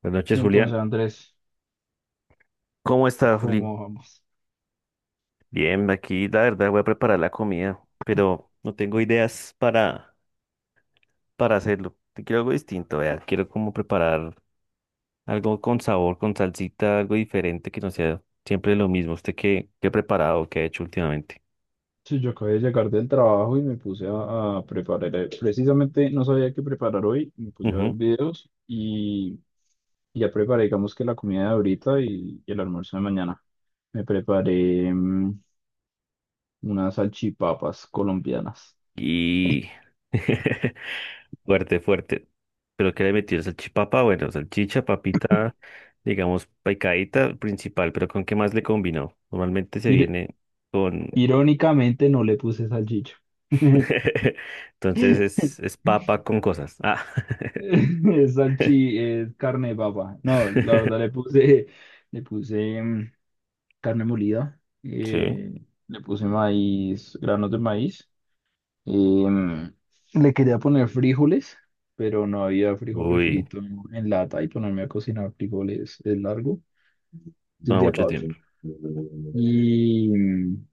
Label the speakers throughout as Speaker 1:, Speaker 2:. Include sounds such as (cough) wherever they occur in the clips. Speaker 1: Buenas noches,
Speaker 2: Y entonces,
Speaker 1: Julián.
Speaker 2: Andrés,
Speaker 1: ¿Cómo estás, Juli?
Speaker 2: ¿cómo vamos?
Speaker 1: Bien, aquí la verdad voy a preparar la comida, pero no tengo ideas para hacerlo. Te quiero algo distinto, vea. Quiero como preparar algo con sabor, con salsita, algo diferente que no sea siempre lo mismo. ¿Usted qué ha preparado, qué ha hecho últimamente?
Speaker 2: Sí, yo acabé de llegar del trabajo y me puse a preparar. Precisamente no sabía qué preparar hoy, me puse a
Speaker 1: Ujú.
Speaker 2: ver videos y ya preparé, digamos que la comida de ahorita y el almuerzo de mañana. Me preparé unas salchipapas colombianas.
Speaker 1: Y (laughs) fuerte, fuerte. ¿Pero qué le metió? ¿Salchipapa? Bueno, salchicha, papita, digamos, picadita, principal, pero ¿con qué más le combinó? Normalmente se
Speaker 2: Ir-
Speaker 1: viene con
Speaker 2: irónicamente no le puse salchicha.
Speaker 1: (laughs) Entonces es,
Speaker 2: (laughs)
Speaker 1: es papa con cosas. Ah.
Speaker 2: Es es carne de papa. No, la verdad
Speaker 1: (laughs)
Speaker 2: le puse. Carne molida,
Speaker 1: Sí.
Speaker 2: le puse maíz, granos de maíz, em, le quería poner frijoles, pero no había frijol
Speaker 1: Uy,
Speaker 2: refrito en lata y ponerme a cocinar frijoles es largo de un
Speaker 1: toma
Speaker 2: día
Speaker 1: mucho
Speaker 2: para otro.
Speaker 1: tiempo.
Speaker 2: Y, em,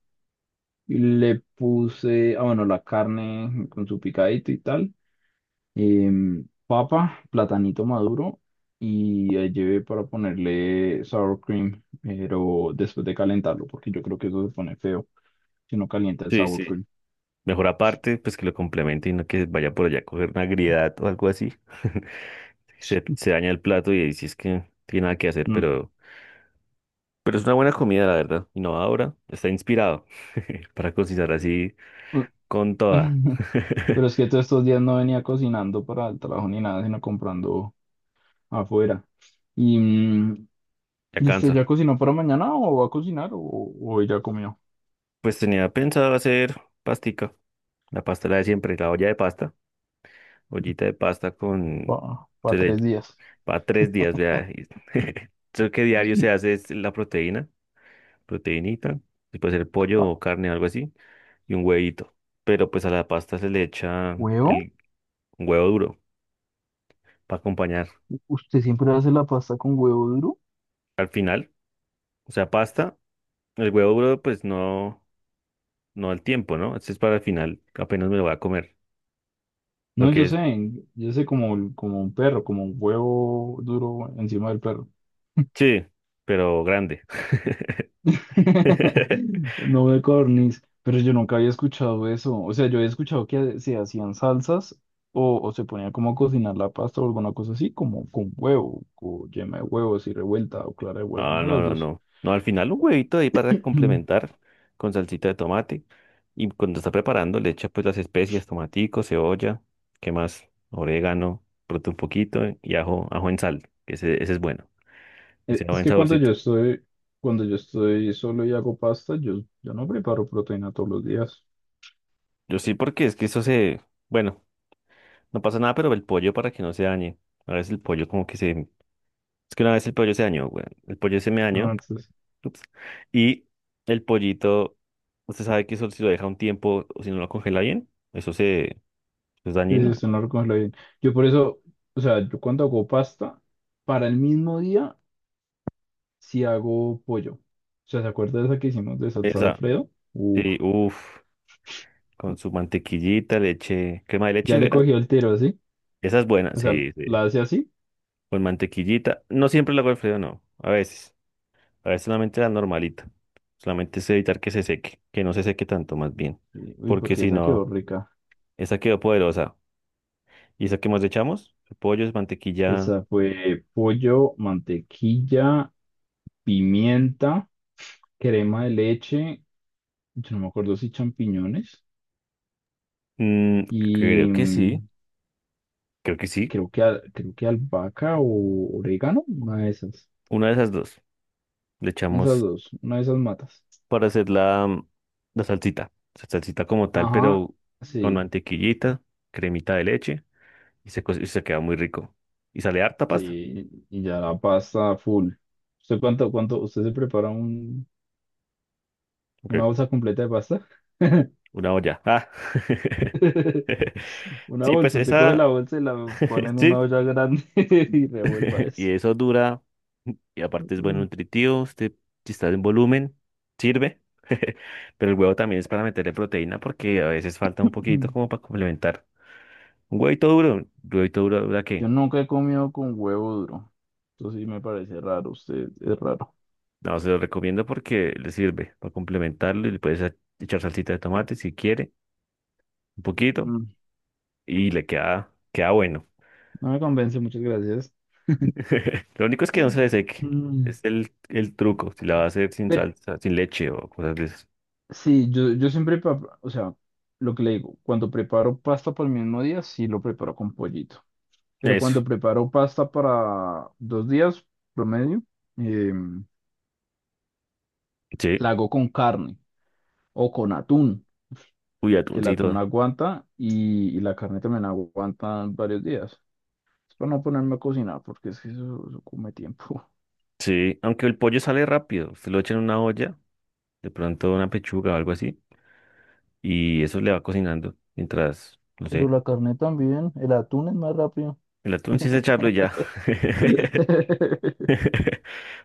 Speaker 2: y le puse, ah, bueno, la carne con su picadito y tal, papa, platanito maduro. Y ahí llevé para ponerle sour cream, pero después de calentarlo, porque yo creo que eso se pone feo. Que no calienta el
Speaker 1: Sí,
Speaker 2: sour
Speaker 1: sí.
Speaker 2: cream.
Speaker 1: Mejor aparte, pues que lo complemente y no que vaya por allá a coger una agriedad o algo así. (laughs) Se daña el plato y ahí sí es que no tiene nada que hacer,
Speaker 2: Mm.
Speaker 1: pero es una buena comida, la verdad. Innovadora, está inspirado (laughs) para cocinar así con toda.
Speaker 2: (laughs)
Speaker 1: (laughs)
Speaker 2: Pero es que todos estos días no venía cocinando para el trabajo ni nada, sino comprando afuera. ¿Y, mm,
Speaker 1: Ya
Speaker 2: ¿Y usted
Speaker 1: cansa.
Speaker 2: ya cocinó para mañana o va a cocinar o hoy ya comió?
Speaker 1: Pues tenía pensado hacer pastica, la pasta la de siempre, la olla de pasta. Ollita de pasta con... Se
Speaker 2: Para
Speaker 1: le
Speaker 2: tres días.
Speaker 1: para tres días, vea. Y- (laughs) Eso que diario se
Speaker 2: (laughs)
Speaker 1: hace es la proteína, proteinita, y puede ser pollo
Speaker 2: Ah,
Speaker 1: o carne, algo así, y un huevito. Pero pues a la pasta se le echa
Speaker 2: ¿Huevo?
Speaker 1: el huevo duro para acompañar.
Speaker 2: ¿Usted siempre hace la pasta con huevo duro?
Speaker 1: Al final, o sea, pasta, el huevo duro pues no, no al tiempo, ¿no? Este es para el final, apenas me lo voy a comer. Lo
Speaker 2: No,
Speaker 1: que es,
Speaker 2: yo sé como, como un perro, como un huevo duro encima del perro.
Speaker 1: sí, pero grande.
Speaker 2: (laughs)
Speaker 1: (laughs)
Speaker 2: No de cornis, pero yo nunca había escuchado eso. O sea, yo había escuchado que se hacían salsas o se ponía como a cocinar la pasta o alguna cosa así, como con huevo, o yema de huevo, así revuelta o clara de huevo,
Speaker 1: Ah,
Speaker 2: una de
Speaker 1: no,
Speaker 2: las
Speaker 1: no,
Speaker 2: dos.
Speaker 1: no. No, al final un huevito ahí para
Speaker 2: (clears throat)
Speaker 1: complementar con salsita de tomate. Y cuando está preparando, le echa pues las especias, tomatico, cebolla, ¿qué más? Orégano, pronto un poquito y ajo, ajo en sal, que ese es bueno, que sea
Speaker 2: Es
Speaker 1: buen
Speaker 2: que
Speaker 1: saborcito.
Speaker 2: cuando yo estoy solo y hago pasta, yo no preparo proteína todos los días.
Speaker 1: Yo sí, porque es que eso se, bueno, no pasa nada, pero el pollo para que no se dañe. A veces el pollo como que se, es que una vez el pollo se dañó, güey. El pollo se me
Speaker 2: Ah,
Speaker 1: dañó,
Speaker 2: entonces,
Speaker 1: ups, y el pollito, usted sabe que eso si lo deja un tiempo o si no lo congela bien, eso se ¿Es
Speaker 2: sí, sí,
Speaker 1: dañino?
Speaker 2: usted no lo coge bien. Yo por eso, o sea, yo cuando hago pasta, para el mismo día si hago pollo. O sea, ¿se acuerda de esa que hicimos de salsa de
Speaker 1: Esa,
Speaker 2: Alfredo? Uf,
Speaker 1: sí, uff, con su mantequillita, leche, crema de
Speaker 2: ya
Speaker 1: leche,
Speaker 2: le
Speaker 1: ¿verdad?
Speaker 2: cogió el tiro así.
Speaker 1: Esa es buena,
Speaker 2: O sea,
Speaker 1: sí, sí.
Speaker 2: la hace así.
Speaker 1: Con mantequillita. No siempre la hago Alfredo, no. A veces. A veces solamente la normalita. Solamente es evitar que se seque, que no se seque tanto, más bien.
Speaker 2: Uy, uy,
Speaker 1: Porque
Speaker 2: porque
Speaker 1: si
Speaker 2: esa quedó
Speaker 1: no,
Speaker 2: rica.
Speaker 1: esa quedó poderosa. ¿Y esa que más le echamos? Pollo, es mantequilla.
Speaker 2: Esa fue pollo, mantequilla, pimienta, crema de leche. Yo no me acuerdo si champiñones.
Speaker 1: mm, Creo
Speaker 2: Y
Speaker 1: que sí,
Speaker 2: mm,
Speaker 1: creo que sí.
Speaker 2: creo que, creo que albahaca o orégano. Una de esas.
Speaker 1: Una de esas dos. Le
Speaker 2: Esas
Speaker 1: echamos
Speaker 2: dos. Una de esas matas.
Speaker 1: para hacer la salsita. La salsita como tal,
Speaker 2: Ajá,
Speaker 1: pero con
Speaker 2: sí.
Speaker 1: mantequillita, cremita de leche y y se queda muy rico. Y sale harta pasta.
Speaker 2: Sí, y ya la pasta full. ¿ usted se prepara
Speaker 1: Ok,
Speaker 2: una bolsa completa de pasta?
Speaker 1: una olla. Ah. (laughs)
Speaker 2: (laughs) Una
Speaker 1: Sí, pues
Speaker 2: bolsa, usted coge la
Speaker 1: esa,
Speaker 2: bolsa y la pone
Speaker 1: (laughs)
Speaker 2: en una
Speaker 1: sí,
Speaker 2: olla grande (laughs) y revuelva
Speaker 1: (laughs)
Speaker 2: eso.
Speaker 1: y eso dura. Y aparte es bueno
Speaker 2: (clears throat)
Speaker 1: nutritivo, usted, si está en volumen, sirve. (laughs) Pero el huevo también es para meterle proteína porque a veces falta un poquito
Speaker 2: Mm.
Speaker 1: como para complementar. Un huevito duro, ¿verdad
Speaker 2: Yo nunca he comido con huevo duro. Eso sí me parece raro, usted es raro.
Speaker 1: No, se lo recomiendo porque le sirve para complementarlo y le puedes a- echar salsita de tomate si quiere, un poquito,
Speaker 2: Mm,
Speaker 1: y le queda bueno.
Speaker 2: no me convence, muchas gracias.
Speaker 1: (laughs) Lo único es que no se le seque.
Speaker 2: Mm,
Speaker 1: Es el truco, si la va a hacer sin
Speaker 2: pero
Speaker 1: salsa, sin leche o cosas de esas.
Speaker 2: sí, yo siempre, o sea, lo que le digo, cuando preparo pasta para el mismo día, sí lo preparo con pollito. Pero
Speaker 1: Eso,
Speaker 2: cuando preparo pasta para dos días promedio, eh,
Speaker 1: sí.
Speaker 2: la hago con carne o con atún,
Speaker 1: Uy,
Speaker 2: que el
Speaker 1: atuncito.
Speaker 2: atún aguanta y la carne también aguanta varios días. Es para no ponerme a cocinar, porque es que eso come tiempo. (laughs)
Speaker 1: Sí, aunque el pollo sale rápido, se lo echa en una olla, de pronto una pechuga o algo así, y eso le va cocinando mientras, no
Speaker 2: Pero
Speaker 1: sé,
Speaker 2: la carne también, el atún es más rápido.
Speaker 1: el atún sí es echarlo y ya. (laughs)
Speaker 2: (laughs)
Speaker 1: (laughs)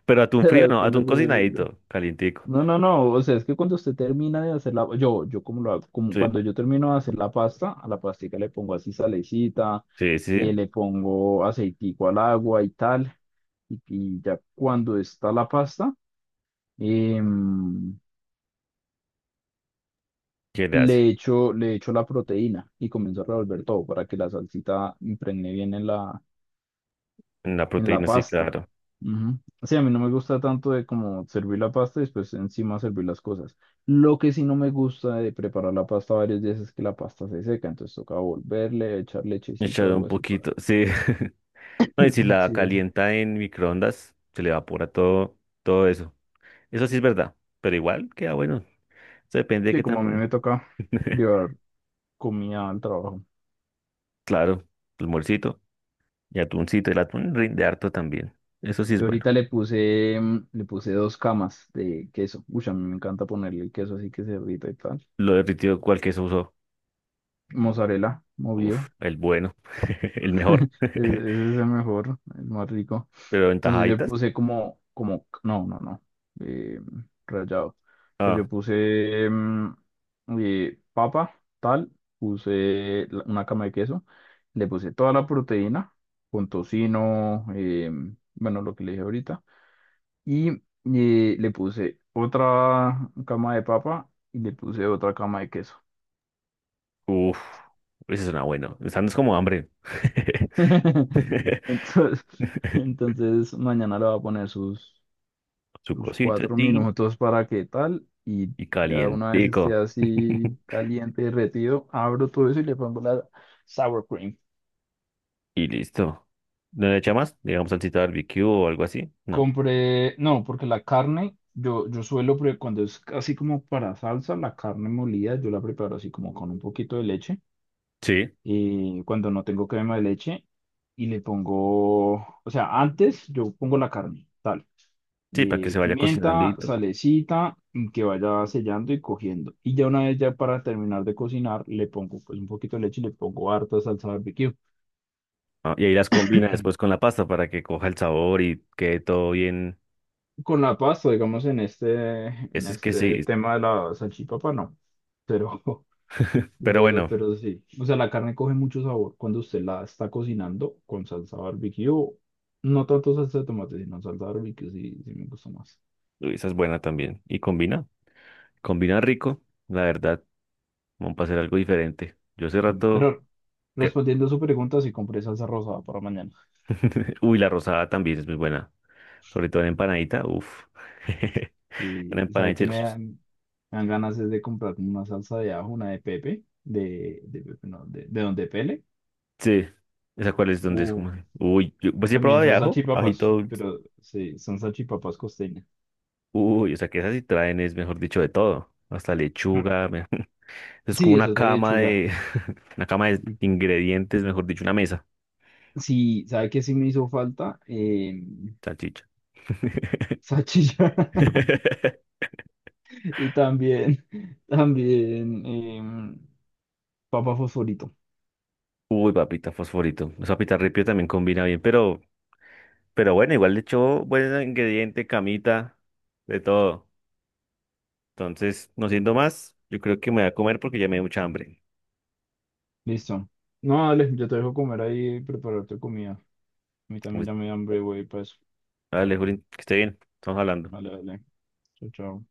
Speaker 1: Pero atún
Speaker 2: El
Speaker 1: frío, no,
Speaker 2: atún es
Speaker 1: atún
Speaker 2: horrible.
Speaker 1: cocinadito, calientico.
Speaker 2: No, no, no, o sea, es que cuando usted termina de hacer la, yo como lo hago, como
Speaker 1: Sí,
Speaker 2: cuando yo termino de hacer la pasta, a la pastica le pongo así salecita,
Speaker 1: sí, sí, sí.
Speaker 2: le pongo aceitico al agua y tal, y ya cuando está la pasta, em,
Speaker 1: ¿Qué le hace?
Speaker 2: le echo la proteína y comienzo a revolver todo para que la salsita impregne bien en
Speaker 1: La
Speaker 2: la
Speaker 1: proteína, sí,
Speaker 2: pasta.
Speaker 1: claro.
Speaker 2: Ujú. Sí, a mí no me gusta tanto de como servir la pasta y después encima servir las cosas. Lo que sí no me gusta de preparar la pasta varios días es que la pasta se seca, entonces toca volverle, echar lechecita
Speaker 1: Echar
Speaker 2: o
Speaker 1: un
Speaker 2: algo así.
Speaker 1: poquito, sí. (laughs) No, y si
Speaker 2: (laughs)
Speaker 1: la
Speaker 2: Sí, es.
Speaker 1: calienta en microondas, se le evapora todo, todo eso. Eso sí es verdad, pero igual queda bueno. Eso depende de
Speaker 2: Sí,
Speaker 1: qué
Speaker 2: como a mí
Speaker 1: tan,
Speaker 2: me toca
Speaker 1: (laughs)
Speaker 2: llevar comida al trabajo.
Speaker 1: claro, el morcito y atuncito. El atún rinde harto también. Eso sí es
Speaker 2: Yo
Speaker 1: bueno.
Speaker 2: ahorita le puse dos camas de queso. Uy, a mí me encanta ponerle el queso así que se derrita y tal.
Speaker 1: Lo derritido, cual que se usó.
Speaker 2: Mozzarella,
Speaker 1: Uf,
Speaker 2: movido.
Speaker 1: el bueno, (laughs) el
Speaker 2: (laughs) Ese
Speaker 1: mejor. (laughs)
Speaker 2: ese es el mejor, el más rico.
Speaker 1: Pero en
Speaker 2: Entonces yo
Speaker 1: tajaditas.
Speaker 2: puse como, como, no, no, no, eh, rayado. O sea, yo puse papa, tal, puse una cama de queso, le puse toda la proteína, con tocino, bueno, lo que le dije ahorita, y le puse otra cama de papa y le puse otra cama de queso.
Speaker 1: Uf, eso suena bueno. Están es como hambre.
Speaker 2: (laughs)
Speaker 1: (laughs)
Speaker 2: Entonces, entonces mañana le voy a poner sus...
Speaker 1: Su
Speaker 2: Tus
Speaker 1: cosita,
Speaker 2: cuatro
Speaker 1: tin,
Speaker 2: minutos para qué tal, y
Speaker 1: y
Speaker 2: ya una vez esté
Speaker 1: calientico.
Speaker 2: así
Speaker 1: (laughs)
Speaker 2: caliente, derretido, abro todo eso y le pongo la sour cream.
Speaker 1: Y listo. ¿No le echa más? Digamos salsita barbecue o algo así. No.
Speaker 2: Compré, no, porque la carne, yo suelo, cuando es así como para salsa, la carne molida, yo la preparo así como con un poquito de leche.
Speaker 1: Sí,
Speaker 2: Eh, cuando no tengo crema de leche y le pongo, o sea, antes yo pongo la carne, tal,
Speaker 1: sí, para que se vaya
Speaker 2: pimienta,
Speaker 1: cocinandito.
Speaker 2: salecita, y que vaya sellando y cogiendo. Y ya una vez ya para terminar de cocinar, le pongo pues un poquito de leche y le pongo harta salsa barbecue.
Speaker 1: Ah, y ahí las combina después con la pasta para que coja el sabor y quede todo bien.
Speaker 2: Con la pasta, digamos, en en
Speaker 1: Eso es que
Speaker 2: este
Speaker 1: sí.
Speaker 2: tema de la salchipapa, no. Pero, (laughs)
Speaker 1: Pero bueno,
Speaker 2: pero sí. O sea, la carne coge mucho sabor cuando usted la está cocinando con salsa barbecue. No tanto salsa de tomate, sino salsa barbecue, sí, sí me gusta más.
Speaker 1: uy, esa es buena también. Y combina, combina rico, la verdad. Vamos a hacer algo diferente. Yo hace
Speaker 2: Sí.
Speaker 1: rato
Speaker 2: Pero
Speaker 1: que...
Speaker 2: respondiendo a su pregunta, sí compré salsa rosada para mañana.
Speaker 1: (laughs) Uy, la rosada también es muy buena. Sobre todo en empanadita, uff. (laughs) Una
Speaker 2: Sí, ¿sabe que
Speaker 1: empanadita.
Speaker 2: me dan ganas es de comprar una salsa de ajo, una de Pepe, de Pepe, no, de Don Pele.
Speaker 1: Sí. ¿Esa cuál es donde es como? Uy, yo, pues sí he
Speaker 2: También
Speaker 1: probado de
Speaker 2: son
Speaker 1: ajo,
Speaker 2: salchipapas,
Speaker 1: ajito dulce.
Speaker 2: pero sí, son salchipapas costeñas.
Speaker 1: Uy, o sea que esas sí traen, es mejor dicho, de todo. Hasta
Speaker 2: Mm.
Speaker 1: lechuga. Me- (laughs) Es como
Speaker 2: Sí,
Speaker 1: una
Speaker 2: esa es la
Speaker 1: cama
Speaker 2: lechuga.
Speaker 1: de. (laughs) Una cama de
Speaker 2: Y
Speaker 1: ingredientes, mejor dicho, una mesa.
Speaker 2: sí, ¿sabe qué sí me hizo falta? Em,
Speaker 1: Salchicha.
Speaker 2: salchicha. (laughs)
Speaker 1: (laughs)
Speaker 2: Y también, también em, papa fosforito.
Speaker 1: Uy, papita fosforito. Esa papita ripio también combina bien, pero bueno, igual le echó buen ingrediente, camita, de todo. Entonces, no siendo más, yo creo que me voy a comer porque ya me dio mucha hambre.
Speaker 2: Listo. No, dale, yo te dejo comer ahí y preparar tu comida. A mí también
Speaker 1: Pues,
Speaker 2: ya me da hambre, güey, pues.
Speaker 1: dale, Juli, que esté bien. Estamos hablando.
Speaker 2: Vale, dale. Chao, chao.